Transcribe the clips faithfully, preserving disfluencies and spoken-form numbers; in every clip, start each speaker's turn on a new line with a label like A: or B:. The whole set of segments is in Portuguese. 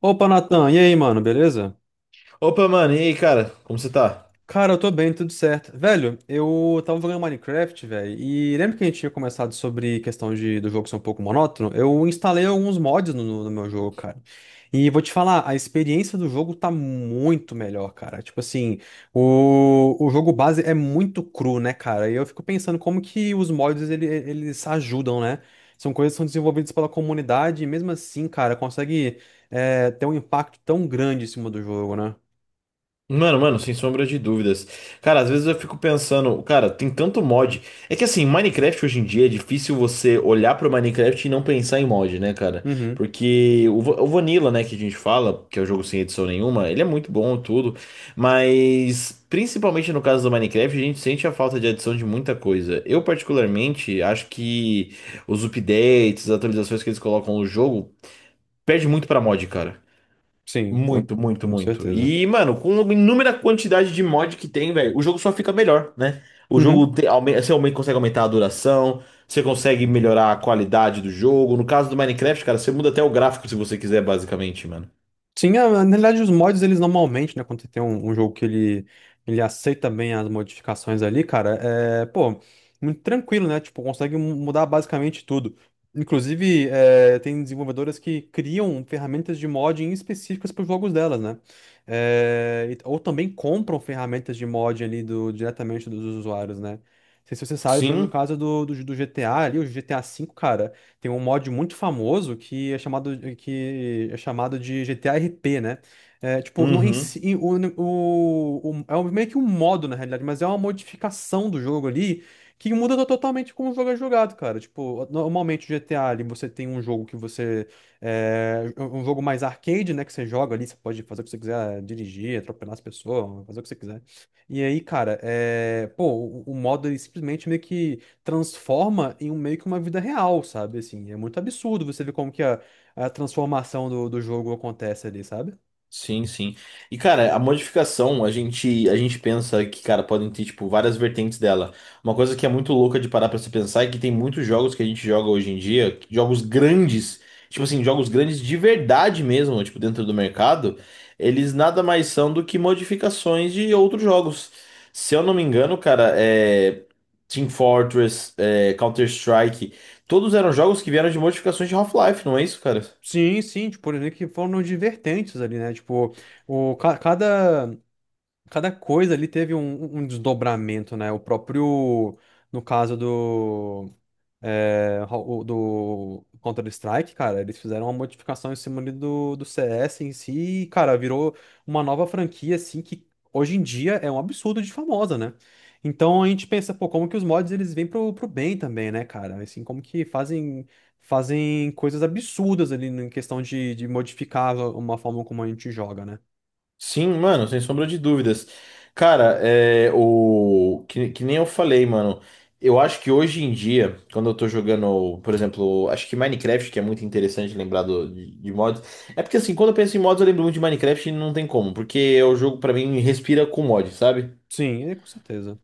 A: Opa, Natan, e aí, mano, beleza?
B: Opa, mano, e aí, cara? Como você tá?
A: Cara, eu tô bem, tudo certo. Velho, eu tava jogando Minecraft, velho, e lembra que a gente tinha começado sobre questão de, do jogo ser um pouco monótono? Eu instalei alguns mods no, no no meu jogo, cara. E vou te falar, a experiência do jogo tá muito melhor, cara. Tipo assim, o, o jogo base é muito cru, né, cara? E eu fico pensando como que os mods ele, eles ajudam, né? São coisas que são desenvolvidas pela comunidade e mesmo assim, cara, consegue eh, ter um impacto tão grande em cima do jogo, né?
B: Mano, mano, sem sombra de dúvidas. Cara, às vezes eu fico pensando, cara, tem tanto mod. É que assim, Minecraft hoje em dia é difícil você olhar pro Minecraft e não pensar em mod, né, cara?
A: Uhum.
B: Porque o, va- o Vanilla, né, que a gente fala, que é o jogo sem edição nenhuma, ele é muito bom e tudo, mas principalmente no caso do Minecraft, a gente sente a falta de adição de muita coisa. Eu, particularmente, acho que os updates, as atualizações que eles colocam no jogo, perde muito pra mod, cara.
A: Sim, o-
B: Muito, muito,
A: com
B: muito.
A: certeza.
B: E, mano, com inúmera quantidade de mod que tem, velho, o jogo só fica melhor, né? O jogo
A: Uhum.
B: te, aume- você aume- consegue aumentar a duração, você consegue melhorar a qualidade do jogo. No caso do Minecraft, cara, você muda até o gráfico se você quiser, basicamente, mano.
A: Sim, a- na realidade, os mods, eles normalmente, né, quando você tem um, um jogo que ele, ele aceita bem as modificações ali, cara, é, pô, muito tranquilo, né? Tipo, consegue mu- mudar basicamente tudo. Inclusive, é, tem desenvolvedoras que criam ferramentas de modding específicas para os jogos delas, né? É, e- ou também compram ferramentas de mod ali do, diretamente dos usuários, né? Não sei se você sabe, mas no
B: Sim.
A: caso do, do, do G T A ali, o G T A V, cara. Tem um mod muito famoso que é chamado, que é chamado de G T A R P, né? É, tipo, não, em
B: Uhum.
A: si- em- o, o- o- é um- meio que um modo, na realidade, mas é uma modificação do jogo ali que muda to- totalmente como o jogo é jogado, cara. Tipo, normalmente o G T A ali você tem um jogo que você. É, um jogo mais arcade, né? Que você joga ali, você pode fazer o que você quiser, dirigir, atropelar as pessoas, fazer o que você quiser. E aí, cara, é, pô, o, o modo ele simplesmente meio que transforma em um meio que uma vida real, sabe? Assim, é muito absurdo você ver como que a, a transformação do, do jogo acontece ali, sabe?
B: Sim, sim. E, cara, a modificação, a gente, a gente pensa que, cara, podem ter, tipo, várias vertentes dela. Uma coisa que é muito louca de parar pra se pensar é que tem muitos jogos que a gente joga hoje em dia, jogos grandes, tipo assim, jogos grandes de verdade mesmo, tipo, dentro do mercado, eles nada mais são do que modificações de outros jogos. Se eu não me engano, cara, é... Team Fortress, é... Counter-Strike, todos eram jogos que vieram de modificações de Half-Life, não é isso, cara?
A: Sim, sim, tipo, por exemplo, que foram de vertentes ali, né? Tipo, o, ca- cada, cada coisa ali teve um, um desdobramento, né? O próprio, no caso do é, o- do Counter-Strike, cara, eles fizeram uma modificação em cima ali do, do C S em si, e, cara, virou uma nova franquia, assim, que hoje em dia é um absurdo de famosa, né? Então a gente pensa, pô, como que os mods eles vêm pro, pro bem também, né, cara? Assim, como que fazem, fazem coisas absurdas ali em questão de, de modificar uma forma como a gente joga, né?
B: Sim, mano, sem sombra de dúvidas. Cara, é o que, que nem eu falei, mano. Eu acho que hoje em dia, quando eu tô jogando, por exemplo, acho que Minecraft, que é muito interessante lembrar do, de, de mods. É porque assim, quando eu penso em mods, eu lembro muito de Minecraft e não tem como, porque é o jogo pra mim respira com mod, sabe?
A: Sim, é, com certeza.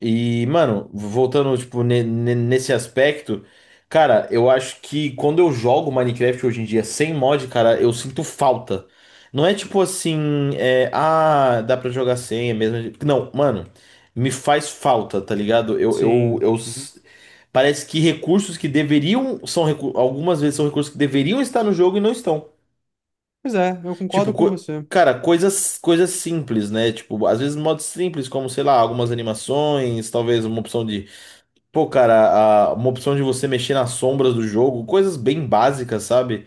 B: E, mano, voltando, tipo, ne- ne- nesse aspecto, cara, eu acho que quando eu jogo Minecraft hoje em dia sem mod, cara, eu sinto falta. Não é tipo assim, é, ah, dá pra jogar sem, é mesmo. Não, mano, me faz falta, tá ligado? Eu, eu,
A: Sim.
B: eu,
A: Uhum.
B: s- parece que recursos que deveriam, são recu- algumas vezes são recursos que deveriam estar no jogo e não estão.
A: Pois é, eu
B: Tipo,
A: concordo com
B: co-
A: você.
B: cara, coisas, coisas simples, né? Tipo, às vezes modos simples, como, sei lá, algumas animações, talvez uma opção de Pô, cara, a- uma opção de você mexer nas sombras do jogo, coisas bem básicas, sabe?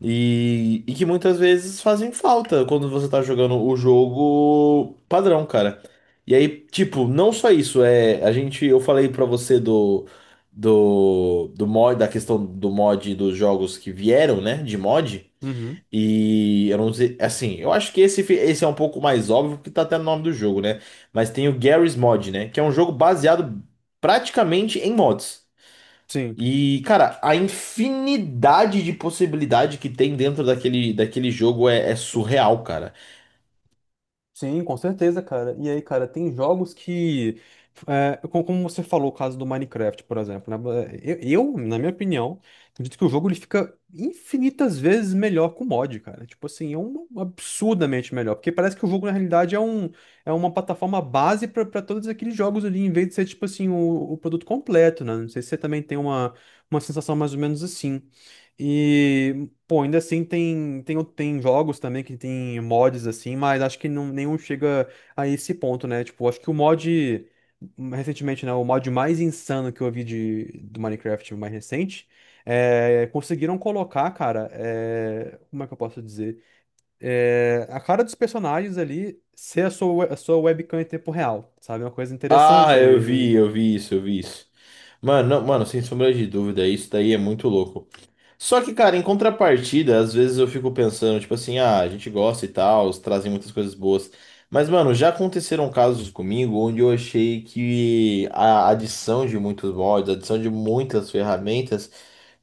B: E, e que muitas vezes fazem falta quando você tá jogando o jogo padrão, cara. E aí, tipo, não só isso, é, a gente, eu falei pra você do, do, do, mod, da questão do mod dos jogos que vieram, né, de mod.
A: Uhum.
B: E eu não sei, assim, eu acho que esse, fi- esse é um pouco mais óbvio porque tá até no nome do jogo, né? Mas tem o Garry's Mod, né? Que é um jogo baseado praticamente em mods.
A: Sim.
B: E, cara, a infinidade de possibilidade que tem dentro daquele, daquele jogo é, é surreal, cara.
A: Sim, com certeza, cara. E aí, cara, tem jogos que, é, co- como você falou, o caso do Minecraft, por exemplo, né? É, Eu, eu, na minha opinião, acredito que o jogo ele fica infinitas vezes melhor com mod, cara. Tipo assim, é um absurdamente melhor, porque parece que o jogo na realidade é um é uma plataforma base pra pra todos aqueles jogos ali, em vez de ser tipo assim o, o produto completo, né? Não sei se você também tem uma uma sensação mais ou menos assim. E pô, ainda assim tem, tem, o- tem jogos também que tem mods assim, mas acho que não, nenhum chega a esse ponto, né? Tipo, acho que o mod, recentemente, né? O mod mais insano que eu vi de, do Minecraft mais recente, é, conseguiram colocar, cara, é, como é que eu posso dizer? É, a cara dos personagens ali ser a sua, we- a sua webcam em tempo real, sabe? Uma coisa
B: Ah,
A: interessante
B: eu
A: ali, né?
B: vi, eu vi isso, eu vi isso. Mano, não- mano, sem sombra de dúvida, isso daí é muito louco. Só que, cara, em contrapartida, às vezes eu fico pensando, tipo assim, ah, a gente gosta e tal, eles trazem muitas coisas boas. Mas, mano, já aconteceram casos comigo onde eu achei que a adição de muitos mods, a adição de muitas ferramentas,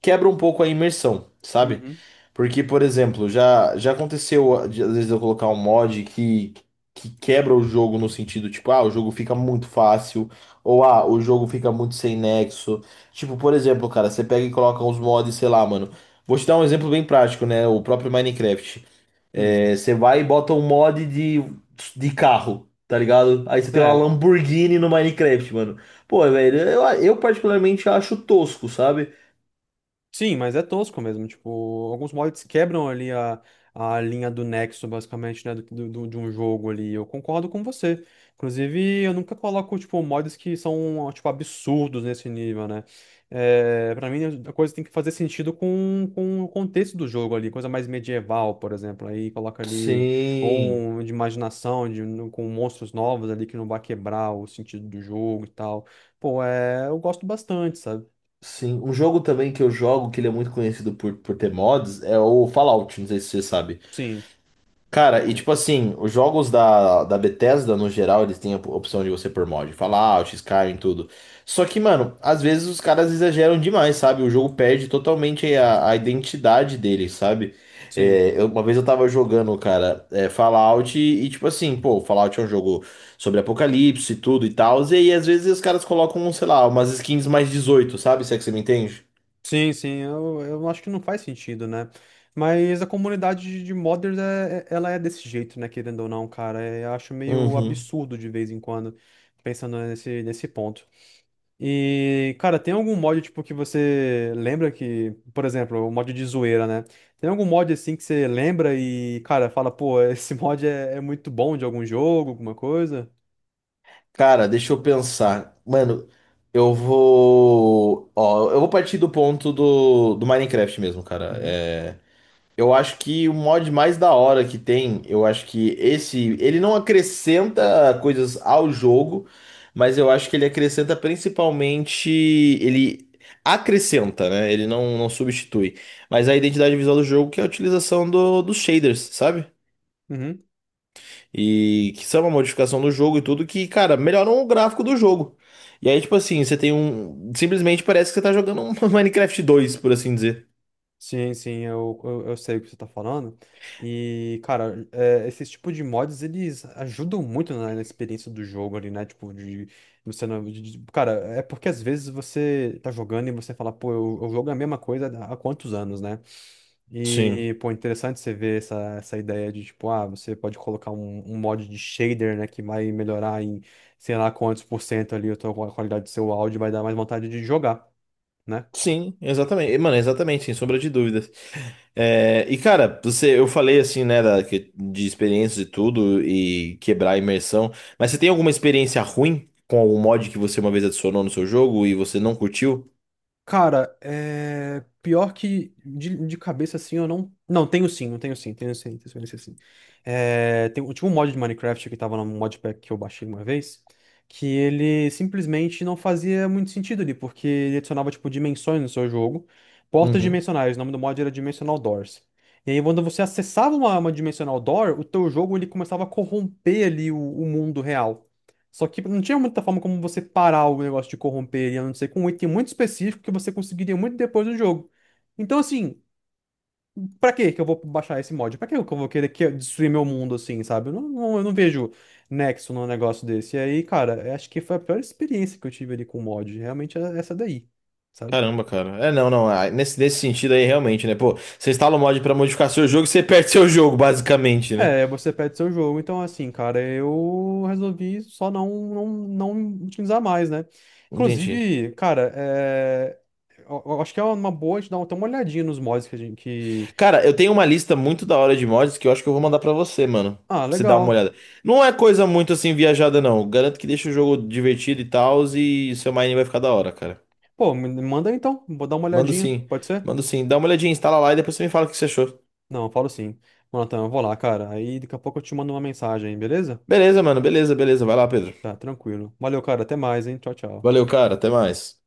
B: quebra um pouco a imersão, sabe?
A: Uhum.
B: Porque, por exemplo, já, já aconteceu de, às vezes eu colocar um mod que, que quebra o jogo no sentido, tipo, ah, o jogo fica muito fácil, ou ah, o jogo fica muito sem nexo. Tipo, por exemplo, cara, você pega e coloca uns mods, sei lá, mano. Vou te dar um exemplo bem prático, né? O próprio Minecraft.
A: Hum.
B: É, você vai e bota um mod de, de carro, tá ligado? Aí você tem uma
A: É,
B: Lamborghini no Minecraft, mano. Pô, velho, eu, eu particularmente acho tosco, sabe?
A: sim, mas é tosco mesmo. Tipo, alguns mods quebram ali a, a linha do nexo, basicamente, né? Do, do- do- de um jogo ali. Eu concordo com você. Inclusive, eu nunca coloco, tipo, mods que são, tipo, absurdos nesse nível, né? É, pra mim, a coisa tem que fazer sentido com, com o contexto do jogo ali. Coisa mais medieval, por exemplo. Aí coloca ali, ou
B: Sim.
A: um de imaginação, de, com monstros novos ali que não vai quebrar o sentido do jogo e tal. Pô, é, eu gosto bastante, sabe?
B: Sim, um jogo também que eu jogo, que ele é muito conhecido por, por ter mods, é o Fallout, não sei se você sabe.
A: Sim,
B: Cara, e tipo
A: mas-
B: assim, os jogos da, da Bethesda, no geral, eles têm a opção de você pôr mod. Fallout, Skyrim, tudo. Só que, mano, às vezes os caras exageram demais, sabe? O jogo perde totalmente a, a identidade dele, sabe?
A: sim.
B: É, eu- uma vez eu tava jogando, cara, é, Fallout e, e, tipo assim, pô, Fallout é um jogo sobre apocalipse e tudo e tal, e aí às vezes os caras colocam, sei lá, umas skins mais dezoito, sabe? Se é que você me entende?
A: Sim, sim, eu, eu acho que não faz sentido, né? Mas a comunidade de de modders, é, é- ela é desse jeito, né? Querendo ou não, cara. É, eu acho meio
B: Uhum.
A: absurdo de vez em quando, pensando nesse, nesse ponto. E, cara, tem algum mod, tipo, que você lembra que, por exemplo, o mod de zoeira, né? Tem algum mod, assim, que você lembra e, cara, fala, pô, esse mod é, é muito bom de algum jogo, alguma coisa?
B: Cara, deixa eu pensar. Mano, eu vou. Ó, eu vou partir do ponto do, do, Minecraft mesmo, cara.
A: Uhum.
B: É, eu acho que o mod mais da hora que tem, eu acho que esse. Ele não acrescenta coisas ao jogo, mas eu acho que ele acrescenta principalmente. Ele acrescenta, né? Ele não, não substitui. Mas a identidade visual do jogo que é a utilização do, dos shaders, sabe?
A: Uhum.
B: E que são uma modificação do jogo e tudo, que, cara, melhoram o gráfico do jogo. E aí, tipo assim, você tem um. Simplesmente parece que você tá jogando um Minecraft dois por assim dizer.
A: Sim, sim, eu, eu, eu sei o que você tá falando. E, cara, é, esses tipos de mods, eles ajudam muito na, na experiência do jogo ali, né? Tipo, de você não. De- de- cara, é porque às vezes você tá jogando e você fala, pô, eu, eu jogo a mesma coisa há há quantos anos, né?
B: Sim.
A: E, pô, interessante você ver essa, essa ideia de, tipo, ah, você pode colocar um, um mod de shader, né? Que vai melhorar em sei lá quantos por cento ali a tua qualidade do seu áudio, vai dar mais vontade de jogar, né.
B: Sim, exatamente. E, mano, exatamente, sem sombra de dúvidas. É, e cara, você, eu falei assim, né, da, que- de experiências e tudo, e quebrar a imersão, mas você tem alguma experiência ruim com algum mod que você uma vez adicionou no seu jogo e você não curtiu?
A: Cara, é... pior que de, de cabeça assim eu não. Não, tenho sim, eu tenho sim, tenho sim, tenho sim. tenho sim. É... Tem, tinha um mod de Minecraft que tava no modpack que eu baixei uma vez, que ele simplesmente não fazia muito sentido ali, porque ele adicionava tipo dimensões no seu jogo, portas
B: Uhum.
A: dimensionais, o nome do mod era Dimensional Doors. E aí quando você acessava uma, uma Dimensional Door, o teu jogo ele começava a corromper ali o, o mundo real. Só que não tinha muita forma como você parar o negócio de corromper, ele, a não ser com um item muito específico que você conseguiria muito depois do jogo. Então, assim, pra que que eu vou baixar esse mod? Pra que que eu vou querer que- destruir meu mundo, assim, sabe? Eu não, não- eu não vejo nexo num negócio desse. E aí, cara, eu acho que foi a pior experiência que eu tive ali com o mod. Realmente é essa daí, sabe?
B: Caramba, cara. É, não, não. Ah, Nesse, nesse sentido aí, realmente, né? Pô, você instala o mod pra modificar seu jogo, e você perde seu jogo, basicamente, né?
A: É, você perde seu jogo. Então, assim, cara, eu resolvi só não, não, não utilizar mais, né?
B: Entendi.
A: Inclusive, cara, é... eu, eu acho que é uma boa a gente dar uma- ter uma olhadinha nos mods que a gente... Que...
B: Cara, eu tenho uma lista muito da hora de mods que eu acho que eu vou mandar pra você, mano.
A: Ah,
B: Pra você dar uma
A: legal.
B: olhada. Não é coisa muito assim viajada, não. Garanto que deixa o jogo divertido e tal, e seu mining vai ficar da hora, cara.
A: Pô, me me manda aí, então. Vou dar uma
B: Mando
A: olhadinha.
B: sim.
A: Pode ser?
B: Mando sim. Dá uma olhadinha, instala lá e depois você me fala o que você achou.
A: Não, eu falo sim. Mano, então, eu vou lá, cara. Aí daqui a pouco eu te mando uma mensagem, beleza?
B: Beleza, mano. Beleza, beleza. Vai lá, Pedro.
A: Tá, tranquilo. Valeu, cara. Até mais, hein? Tchau, tchau.
B: Valeu, cara. Até mais.